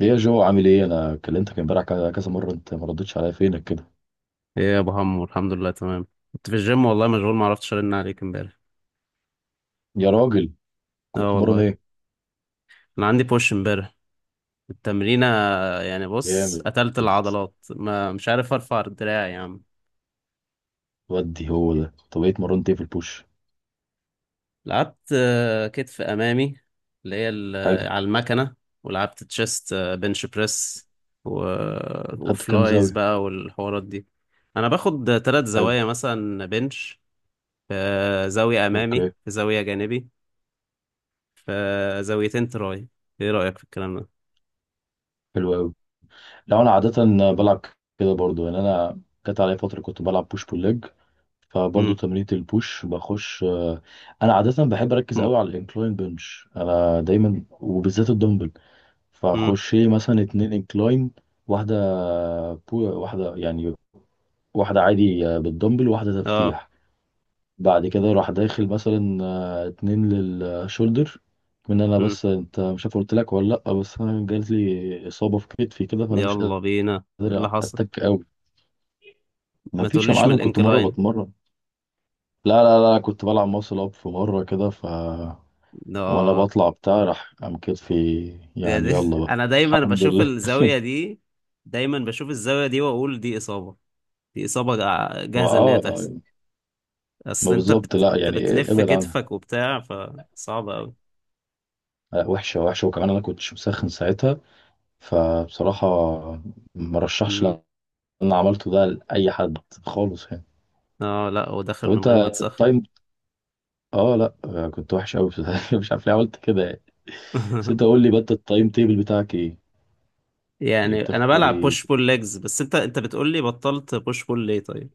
ليه يا جو؟ عامل ايه؟ انا كلمتك امبارح كذا كذا مره، انت ما ردتش عليا؟ فينك كده ايه يا ابو حمو، الحمد لله تمام. كنت في الجيم والله مشغول، ما عرفتش ارن عليك امبارح. يا راجل؟ اه كنت مرن والله ايه؟ انا عندي بوش امبارح التمرينه. يعني بص جامد. قتلت العضلات ما مش عارف ارفع الدراع يا عم. ودي هو ده. طب ايه اتمرنت، ايه في البوش؟ لعبت كتف امامي اللي هي حلو. على المكنه. ولعبت تشيست بنش بريس و... خدت كام وفلايز زاويه؟ بقى والحوارات دي. انا باخد ثلاث حلو. زوايا مثلا بنش، في زاويه امامي، اوكي. في زاويه جانبي، في زاويتين تراي. ايه رايك في الكلام حلو قوي. لا انا عاده بلعب كده برضو يعني. انا جت عليا فتره كنت بلعب بوش بول ليج، فبرضو ده؟ تمرينة البوش بخش انا عاده بحب اركز م- قوي على الانكلاين بنش، انا دايما وبالذات الدمبل. مم. فاخش إيه مثلا اتنين انكلاين، واحده بو واحده يعني، واحدة عادي بالدمبل وواحدة اه. تفتيح. بعد كده راح داخل مثلا اتنين للشولدر. من انا مم. بس، انت مش عارف قلت لك ولا لا، بس انا جاتلي اصابة في كتفي كده فانا مش يلا قادر بينا، إيه اللي حصل؟ اتك قوي. ما ما فيش يا تقوليش من معلم، كنت مرة الانكلاين. بتمرن. لا لا لا، كنت بلعب ماسل اب في مرة كده ف، ده. وانا اه. بطلع بتاع راح قام كتفي. يا يعني دي يلا بقى انا دايما الحمد بشوف لله. الزاوية دي، دايما بشوف الزاوية دي واقول دي اصابة، دي اصابة ما جاهزة ان هي اه. تحصل. ما اصل بالظبط لا انت يعني. بتلف ابعد عنها. كتفك وبتاع فصعب قوي. وحشة وحشة، وكمان انا كنتش مسخن ساعتها، فبصراحة مرشحش مم. اللي انا عملته ده لأي حد خالص يعني. اه لا هو داخل طب من انت غير ما أنت تسخن. التايم. اه لا كنت وحش قوي. مش عارف ليه عملت كده يعني. بس انت قول لي بقى، أنت التايم تيبل بتاعك ايه؟ ايه يعني انا بتاخد بلعب ايه؟ بوش بول ليجز، بس انت بتقولي بطلت بوش بول ليه طيب؟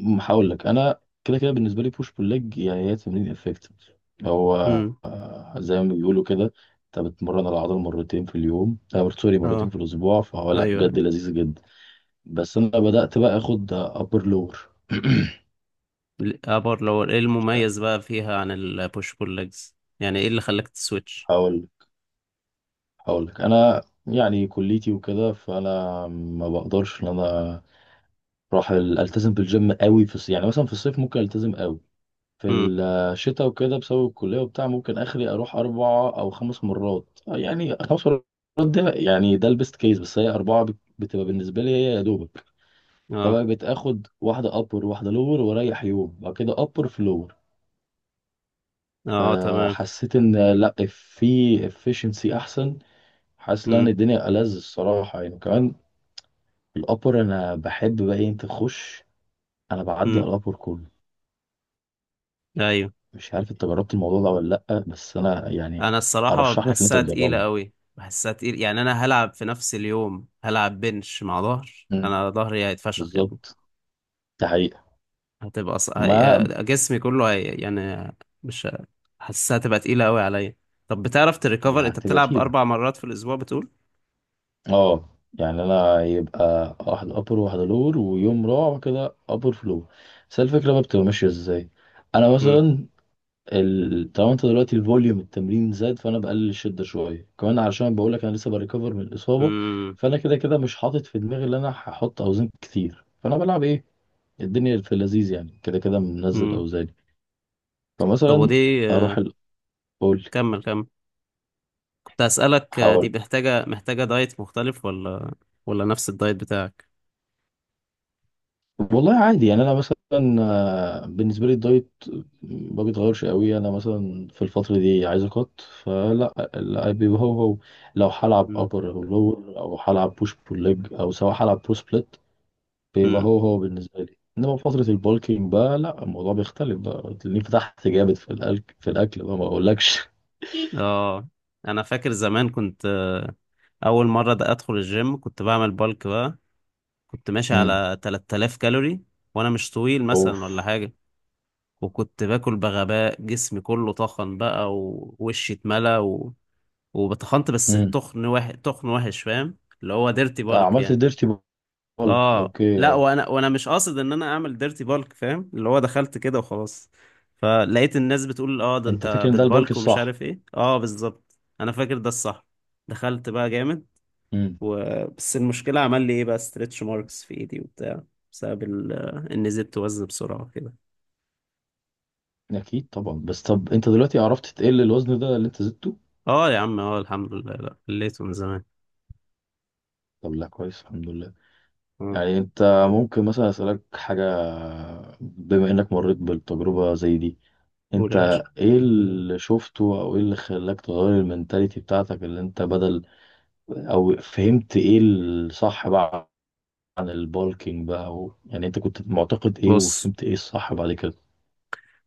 هقول لك انا كده كده، بالنسبة لي بوش بول ليج يعني هي تمرين افكتيف. هو امم. زي ما بيقولوا كده، انت بتمرن العضله مرتين في اليوم، سوري، مرتين اه. في الاسبوع، فهو لا ايوه. بجد لذيذ جدا. بس انا بدأت بقى اخد ابر لور. ابر لور، ايه المميز بقى فيها عن البوش بول ليجز؟ يعني ايه اللي خلاك تسويتش؟ هقول هقول لك انا، يعني كليتي وكده، فانا ما بقدرش ان انا اروح التزم بالجيم قوي في الصيف. يعني مثلا في الصيف ممكن التزم قوي، في امم. الشتاء وكده بسبب الكليه وبتاع ممكن اخري اروح اربع او خمس مرات، يعني خمس مرات. ده يعني ده البيست كيس، بس هي اربعه بت- بتبقى بالنسبه لي هي يا دوبك. اه. فبقى بتاخد واحده ابر، واحده لور، واريح يوم، بعد كده ابر في لور. اه تمام. فحسيت ان لا في efficiency احسن، حاسس ان امم. الدنيا ألذ الصراحه يعني كمان. الأبر أنا بحب بقى أنت تخش، أنا بعدي امم. على الأبر كله. ايوه. مش عارف أنت جربت الموضوع ده ولا لأ، بس أنا يعني انا الصراحه أرشح لك إن أنت بحسها تقيله تجربه. قوي، بحسها تقيل، يعني انا هلعب في نفس اليوم هلعب بنش مع ظهر، امم. انا ظهري هيتفشخ يا ابني. بالظبط. ده حقيقة. هتبقى ص... هي... ما آه، جسمي كله يعني مش ه- حاسسها تبقى تقيله قوي عليا. طب بتعرف هي تريكفر؟ انت هتبقى بتلعب تقيلة. اربع مرات في الاسبوع بتقول؟ أه. يعني أنا يبقى واحد أبر وواحد لور، ويوم رابع كده أبر فلور. بس الفكرة بقى بتبقى ماشية إزاي. أنا امم. مثلا ال-، طالما انت دلوقتي الفوليوم التمرين زاد، فانا بقلل الشده شويه كمان، علشان بقول لك انا لسه بريكفر من الاصابه. امم. فانا كده كده مش حاطط في دماغي ان انا هحط اوزان كتير، فانا بلعب ايه، الدنيا في اللذيذ يعني، كده كده منزل امم. اوزاني. طب فمثلا ودي اروح ال-، اقول كمل. كنت أسألك، دي حوالي. محتاجة دايت مختلف، ولا ولا نفس الدايت بتاعك؟ والله عادي يعني، انا مثلا بالنسبه لي الدايت ما بيتغيرش قوي. انا مثلا في الفتره دي عايز اقط فلا لا، بيبقى هو هو. لو هلعب مم. ابر او لور، او هلعب بوش بول ليج، او سواء هلعب برو سبليت، بيبقى مم. هو هو بالنسبة لي. انما في فترة البولكينج بقى لا، الموضوع بيختلف بقى، تلاقيني فتحت جامد في الاكل بقى ما اقولكش. اه. انا فاكر زمان كنت، اول مرة ده ادخل الجيم كنت بعمل بالك بقى، كنت ماشي امم. على 3000 كالوري، وانا مش طويل اوف. مثلا ولا حاجة، وكنت باكل بغباء، جسمي كله طخن بقى ووشي اتملى وبتخنت، بس امم. التخن تخن وحش، فاهم اللي هو ديرتي آه بالك عملت يعني. ديرتي بولك اه اوكي لا اه. وانا مش قاصد ان انا اعمل ديرتي بالك، فاهم اللي هو دخلت كده وخلاص، فلقيت الناس بتقول اه ده انت انت فاكر ان ده البولك بتبالك ومش الصح؟ عارف ايه، اه بالظبط انا فاكر ده الصح. دخلت بقى جامد امم. و... بس المشكلة عمل لي ايه بقى، ستريتش ماركس في ايدي وبتاع، بسبب ان زدت وزن بسرعة كده. اكيد طبعا، بس طب انت دلوقتي عرفت تقل الوزن ده اللي انت زدته؟ اه يا عم اه الحمد لله، لا خليته من زمان. طب لا كويس الحمد لله. مم. يعني انت ممكن مثلا اسالك حاجة؟ بما انك مريت بالتجربة زي دي، قول انت يا باشا. ايه اللي شفته، او ايه اللي خلاك تغير المنتاليتي بتاعتك اللي انت بدل، او فهمت ايه الصح بقى عن البالكينج بقى و...، يعني انت كنت معتقد ايه بص، وفهمت ايه الصح بعد كده؟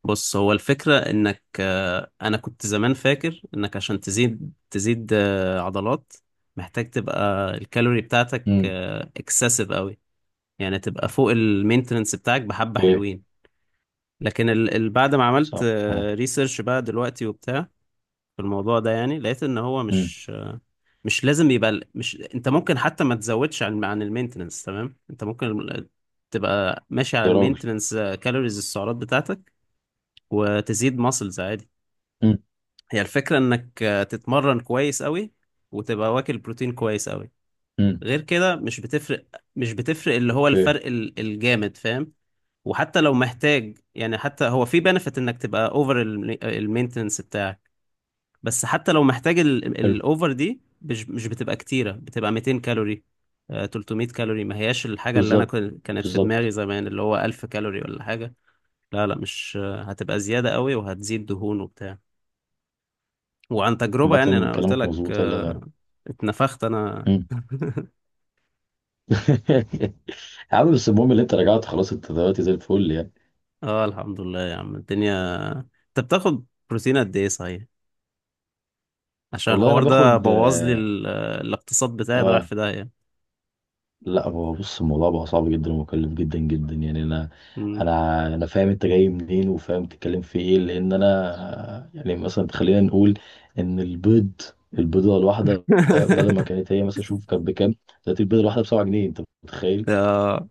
بص هو الفكرة انك، انا كنت زمان فاكر انك عشان تزيد تزيد عضلات، محتاج تبقى الكالوري بتاعتك امم. اكسسيف قوي، يعني تبقى فوق المينتننس بتاعك بحبة اوكي. حلوين. لكن بعد ما عملت صح. امم. ريسيرش بقى دلوقتي وبتاع في الموضوع ده، يعني لقيت ان هو أمم. مش، مش، انت ممكن حتى ما تزودش عن المينتننس، تمام؟ انت ممكن تبقى ماشي على يا راجل. المينتننس كالوريز، السعرات بتاعتك، وتزيد ماسلز عادي. امم. هي الفكرة انك تتمرن كويس قوي، وتبقى واكل بروتين كويس قوي، امم. غير كده مش بتفرق. مش بتفرق اللي هو اوكي. الفرق الجامد، فاهم؟ وحتى لو محتاج، يعني حتى هو في بنفيت انك تبقى اوفر المينتنس بتاعك، بس حتى لو محتاج حلو. الاوفر دي مش بتبقى كتيرة، بتبقى 200 كالوري، 300 كالوري، ما هياش الحاجة اللي انا بالظبط. كانت في دماغي بالظبط. زمان اللي هو 1000 كالوري ولا حاجة. لا لا، مش هتبقى زيادة قوي وهتزيد دهون وبتاع، وعن تجربة يعني عامة أنا قلت كلامك لك. مظبوط يا جدع. اتنفخت أنا. امم. يا عم بس المهم اللي انت رجعت خلاص، انت دلوقتي زي الفل يعني. اه الحمد لله يا عم الدنيا. أنت بتاخد بروتين قد إيه صحيح؟ عشان والله انا الحوار ده باخد بوظ لي الاقتصاد بتاعي ده رايح آه، في داهية. لا هو بص، الموضوع بقى صعب جدا ومكلف جدا جدا يعني. انا مم. انا انا فاهم انت جاي منين وفاهم تتكلم في ايه، لان انا يعني مثلا خلينا نقول ان البيض، البيضه الواحده بدل ما كانت هي مثلا، شوف كانت بكام، دلوقتي البيضه الواحده ب 7 جنيه، انت متخيل؟ آه،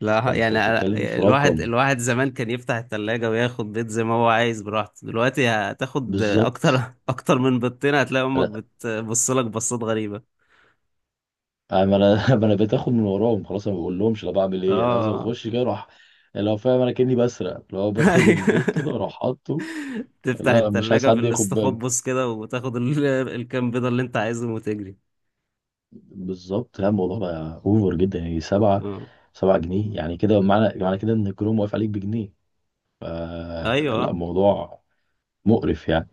لا فانت يعني بتتكلم في الواحد رقم. الواحد زمان كان يفتح التلاجة وياخد بيض زي ما هو عايز براحته، دلوقتي هتاخد أكتر بالظبط. أكتر من بيضتين هتلاقي أمك لا بتبص لك بصات غريبة. انا ما أنا بقيت اخد من وراهم خلاص، انا ما بقول لهمش انا بعمل ايه، انا لازم اه اخش كده اروح لو فاهم، انا كاني بسرق لو باخد البيض كده اروح حاطه. تفتح لا مش عايز التلاجة في حد ياخد باله. الاستخبص كده وتاخد الكام بيضة اللي انت عايزهم وتجري. بالظبط. لا الموضوع بقى اوفر جدا يعني، سبعة، اه سبعة جنيه يعني كده، معنى كده ان الكروم واقف عليك بجنيه. فلا ايوه، الموضوع مقرف يعني،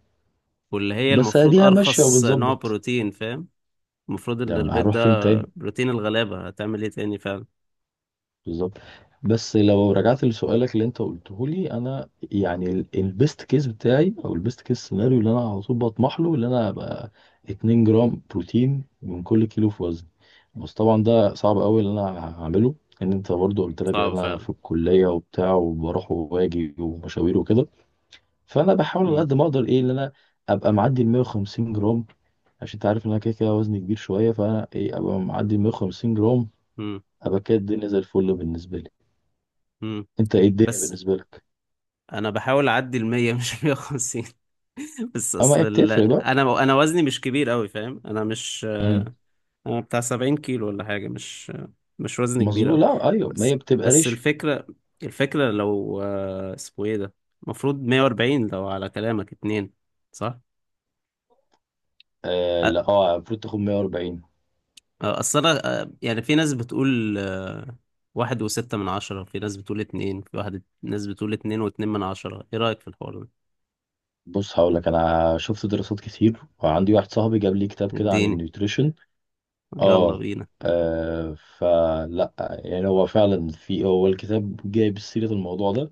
واللي هي بس المفروض اديها ماشية ارخص نوع وبنظبط، بروتين، فاهم؟ المفروض ده ان البيض هنروح ده فين تاني؟ بروتين الغلابة، هتعمل ايه تاني فعلا؟ بالظبط. بس لو رجعت لسؤالك اللي انت قلته لي، انا يعني البيست كيس بتاعي، او البيست كيس سيناريو اللي انا على طول بطمح له، اللي انا ابقى 2 جرام بروتين من كل كيلو في وزني. بس طبعا ده صعب قوي اللي انا هعمله، ان انت برضو قلت لك ان صعب انا فعلا. في الكليه وبتاع، وبروح وباجي ومشاوير وكده. فانا بحاول على مم. قد ما اقدر ايه، ان انا ابقى معدي ال 150 جرام، عشان انت عارف ان انا كده كده وزني كبير شويه، فانا ايه ابقى معدي ال 150 جرام، مم. ابقى كده الدنيا زي الفل بالنسبه لي. مم. انت ايه الدنيا بس بالنسبه لك؟ انا بحاول اعدي المية، مش المية وخمسين. بس اه ما اصل هي بتفرق بقى. انا وزني مش كبير قوي، فاهم؟ انا مش امم. بتاع 70 كيلو ولا حاجة، مش مش وزن كبير مظبوط. أوي. لا ايوه ما بس هي بتبقى بس ريش. الفكرة، الفكرة لو اسمه ايه ده، المفروض 140 لو على كلامك اتنين، صح؟ آه أ- لا اه المفروض تاخد 140. أصل أنا يعني في ناس بتقول واحد وستة من عشرة، في ناس بتقول اتنين في واحد، ناس بتقول اتنين واتنين من عشرة، ايه رأيك في الحوار ده؟ بص هقول لك، انا شفت دراسات كتير، وعندي واحد صاحبي جاب لي كتاب كده عن اديني، النيوتريشن. يلا اه. بينا. فلا يعني هو فعلا في، هو الكتاب جايب سيرة الموضوع ده،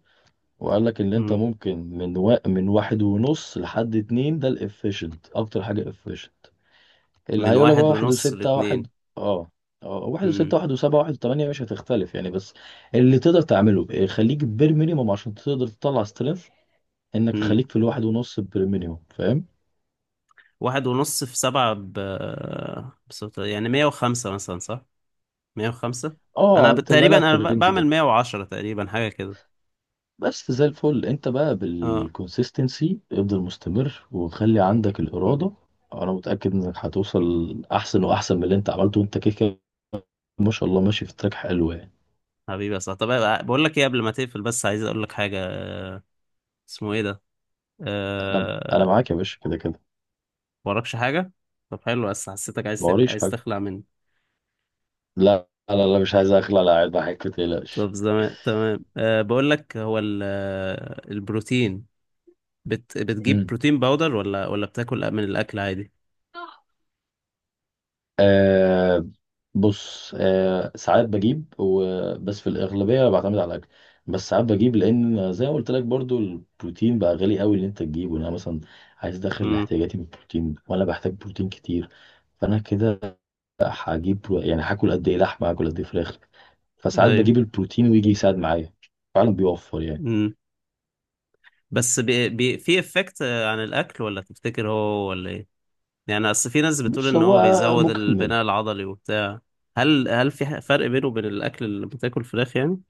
وقال لك ان انت مم. ممكن من و...، من واحد ونص لحد اتنين، ده الافيشنت اكتر حاجة efficient. اللي من هيقول لك بقى واحد واحد ونص وستة واحد. لاتنين. اه. اه، واحد مم. وستة، واحد وسبعة، واحد وثمانية، مش هتختلف يعني، بس اللي تقدر تعمله خليك بير مينيموم عشان تقدر تطلع سترينث، انك مم. خليك في الواحد ونص بير مينيموم فاهم. واحد ونص في سبعة يعني مية وخمسة مثلا، صح؟ 105. انا اه تبقى تقريبا لاعب في انا الرينج بعمل ده. 110 تقريبا حاجه كده. بس زي الفل، انت بقى اه. بالكونسيستنسي افضل، مستمر، وخلي عندك مم. الإرادة. انا متأكد انك هتوصل احسن واحسن من اللي انت عملته، وانت كده كده ما شاء الله ماشي في تراك حلو يعني. حبيبي يا صاحبي، طب بقول لك ايه قبل ما تقفل، بس عايز اقول لك حاجه، اسمه ايه ده، انا أه... معاك يا باشا كده كده. وراكش حاجه؟ طب حلو، بس حسيتك عايز ما وريش عايز حاجة. تخلع مني. لا لا لا، مش عايز اخلع، لا قاعد بحكي متقلقش. طب زمان تمام. أه بقول لك هو ال... آه، البروتين بتجيب مم. بروتين باودر، ولا ولا بتاكل من الاكل عادي؟ آه. بص آه ساعات بجيب و...، بس في الأغلبية بعتمد على الأكل. بس ساعات بجيب، لأن زي ما قلت لك برضو، البروتين بقى غالي قوي إن أنت تجيبه. يعني أنا مثلا عايز أدخل امم. احتياجاتي من البروتين، وأنا بحتاج بروتين كتير، فأنا كده هجيب برو-، يعني هاكل قد إيه لحمة، هاكل قد إيه فراخ، فساعات ايوه. بجيب البروتين ويجي يساعد معايا، فعلا بيوفر يعني. امم. بس في افكت عن الاكل، ولا تفتكر هو هو ولا ايه؟ يعني اصل في ناس بتقول بص ان هو هو بيزود مكمل. البناء العضلي وبتاع. هل هل في فرق بينه وبين الاكل اللي بتاكل فراخ يعني؟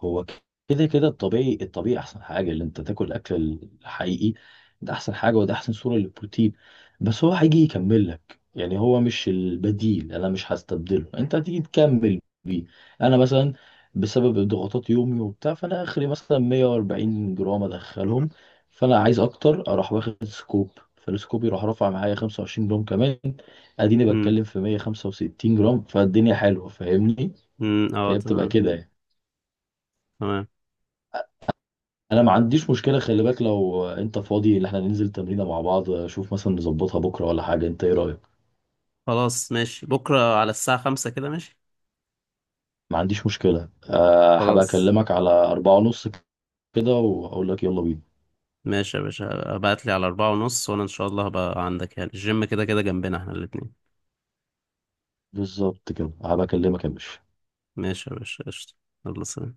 هو كده كده الطبيعي، احسن حاجه اللي انت تاكل الاكل الحقيقي، ده احسن حاجه، وده احسن صوره للبروتين. بس هو هيجي يكمل لك يعني، هو مش البديل، انا مش هستبدله، انت هتيجي تكمل بيه. انا مثلا بسبب ضغوطات يومي وبتاع، فانا اخري مثلا 140 جرام ادخلهم، فانا عايز اكتر، اروح واخد سكوب، فالسكوب يروح رافع معايا 25 جرام كمان، اديني امم. بتكلم في 165 جرام، فالدنيا حلوه فاهمني؟ امم. اه فهي بتبقى تمام. كده يعني. تمام. انا ما عنديش مشكله، خلي بالك لو انت فاضي ان احنا ننزل تمرينه مع بعض، شوف مثلا نظبطها بكره ولا حاجه، انت ايه رايك؟ خلاص ماشي، بكره على الساعه 5 كده، ماشي. ما عنديش مشكله أه، هبقى خلاص، اكلمك على 4:30 كده واقول لك يلا بينا. ماشي يا باشا، ابعت لي على 4:30، وانا ان شاء الله هبقى عندك، يعني الجيم كده كده جنبنا احنا الاتنين. بالظبط، كده هبقى اكلمك يا باشا. ماشي يا باشا، قشطة. يلا سلام.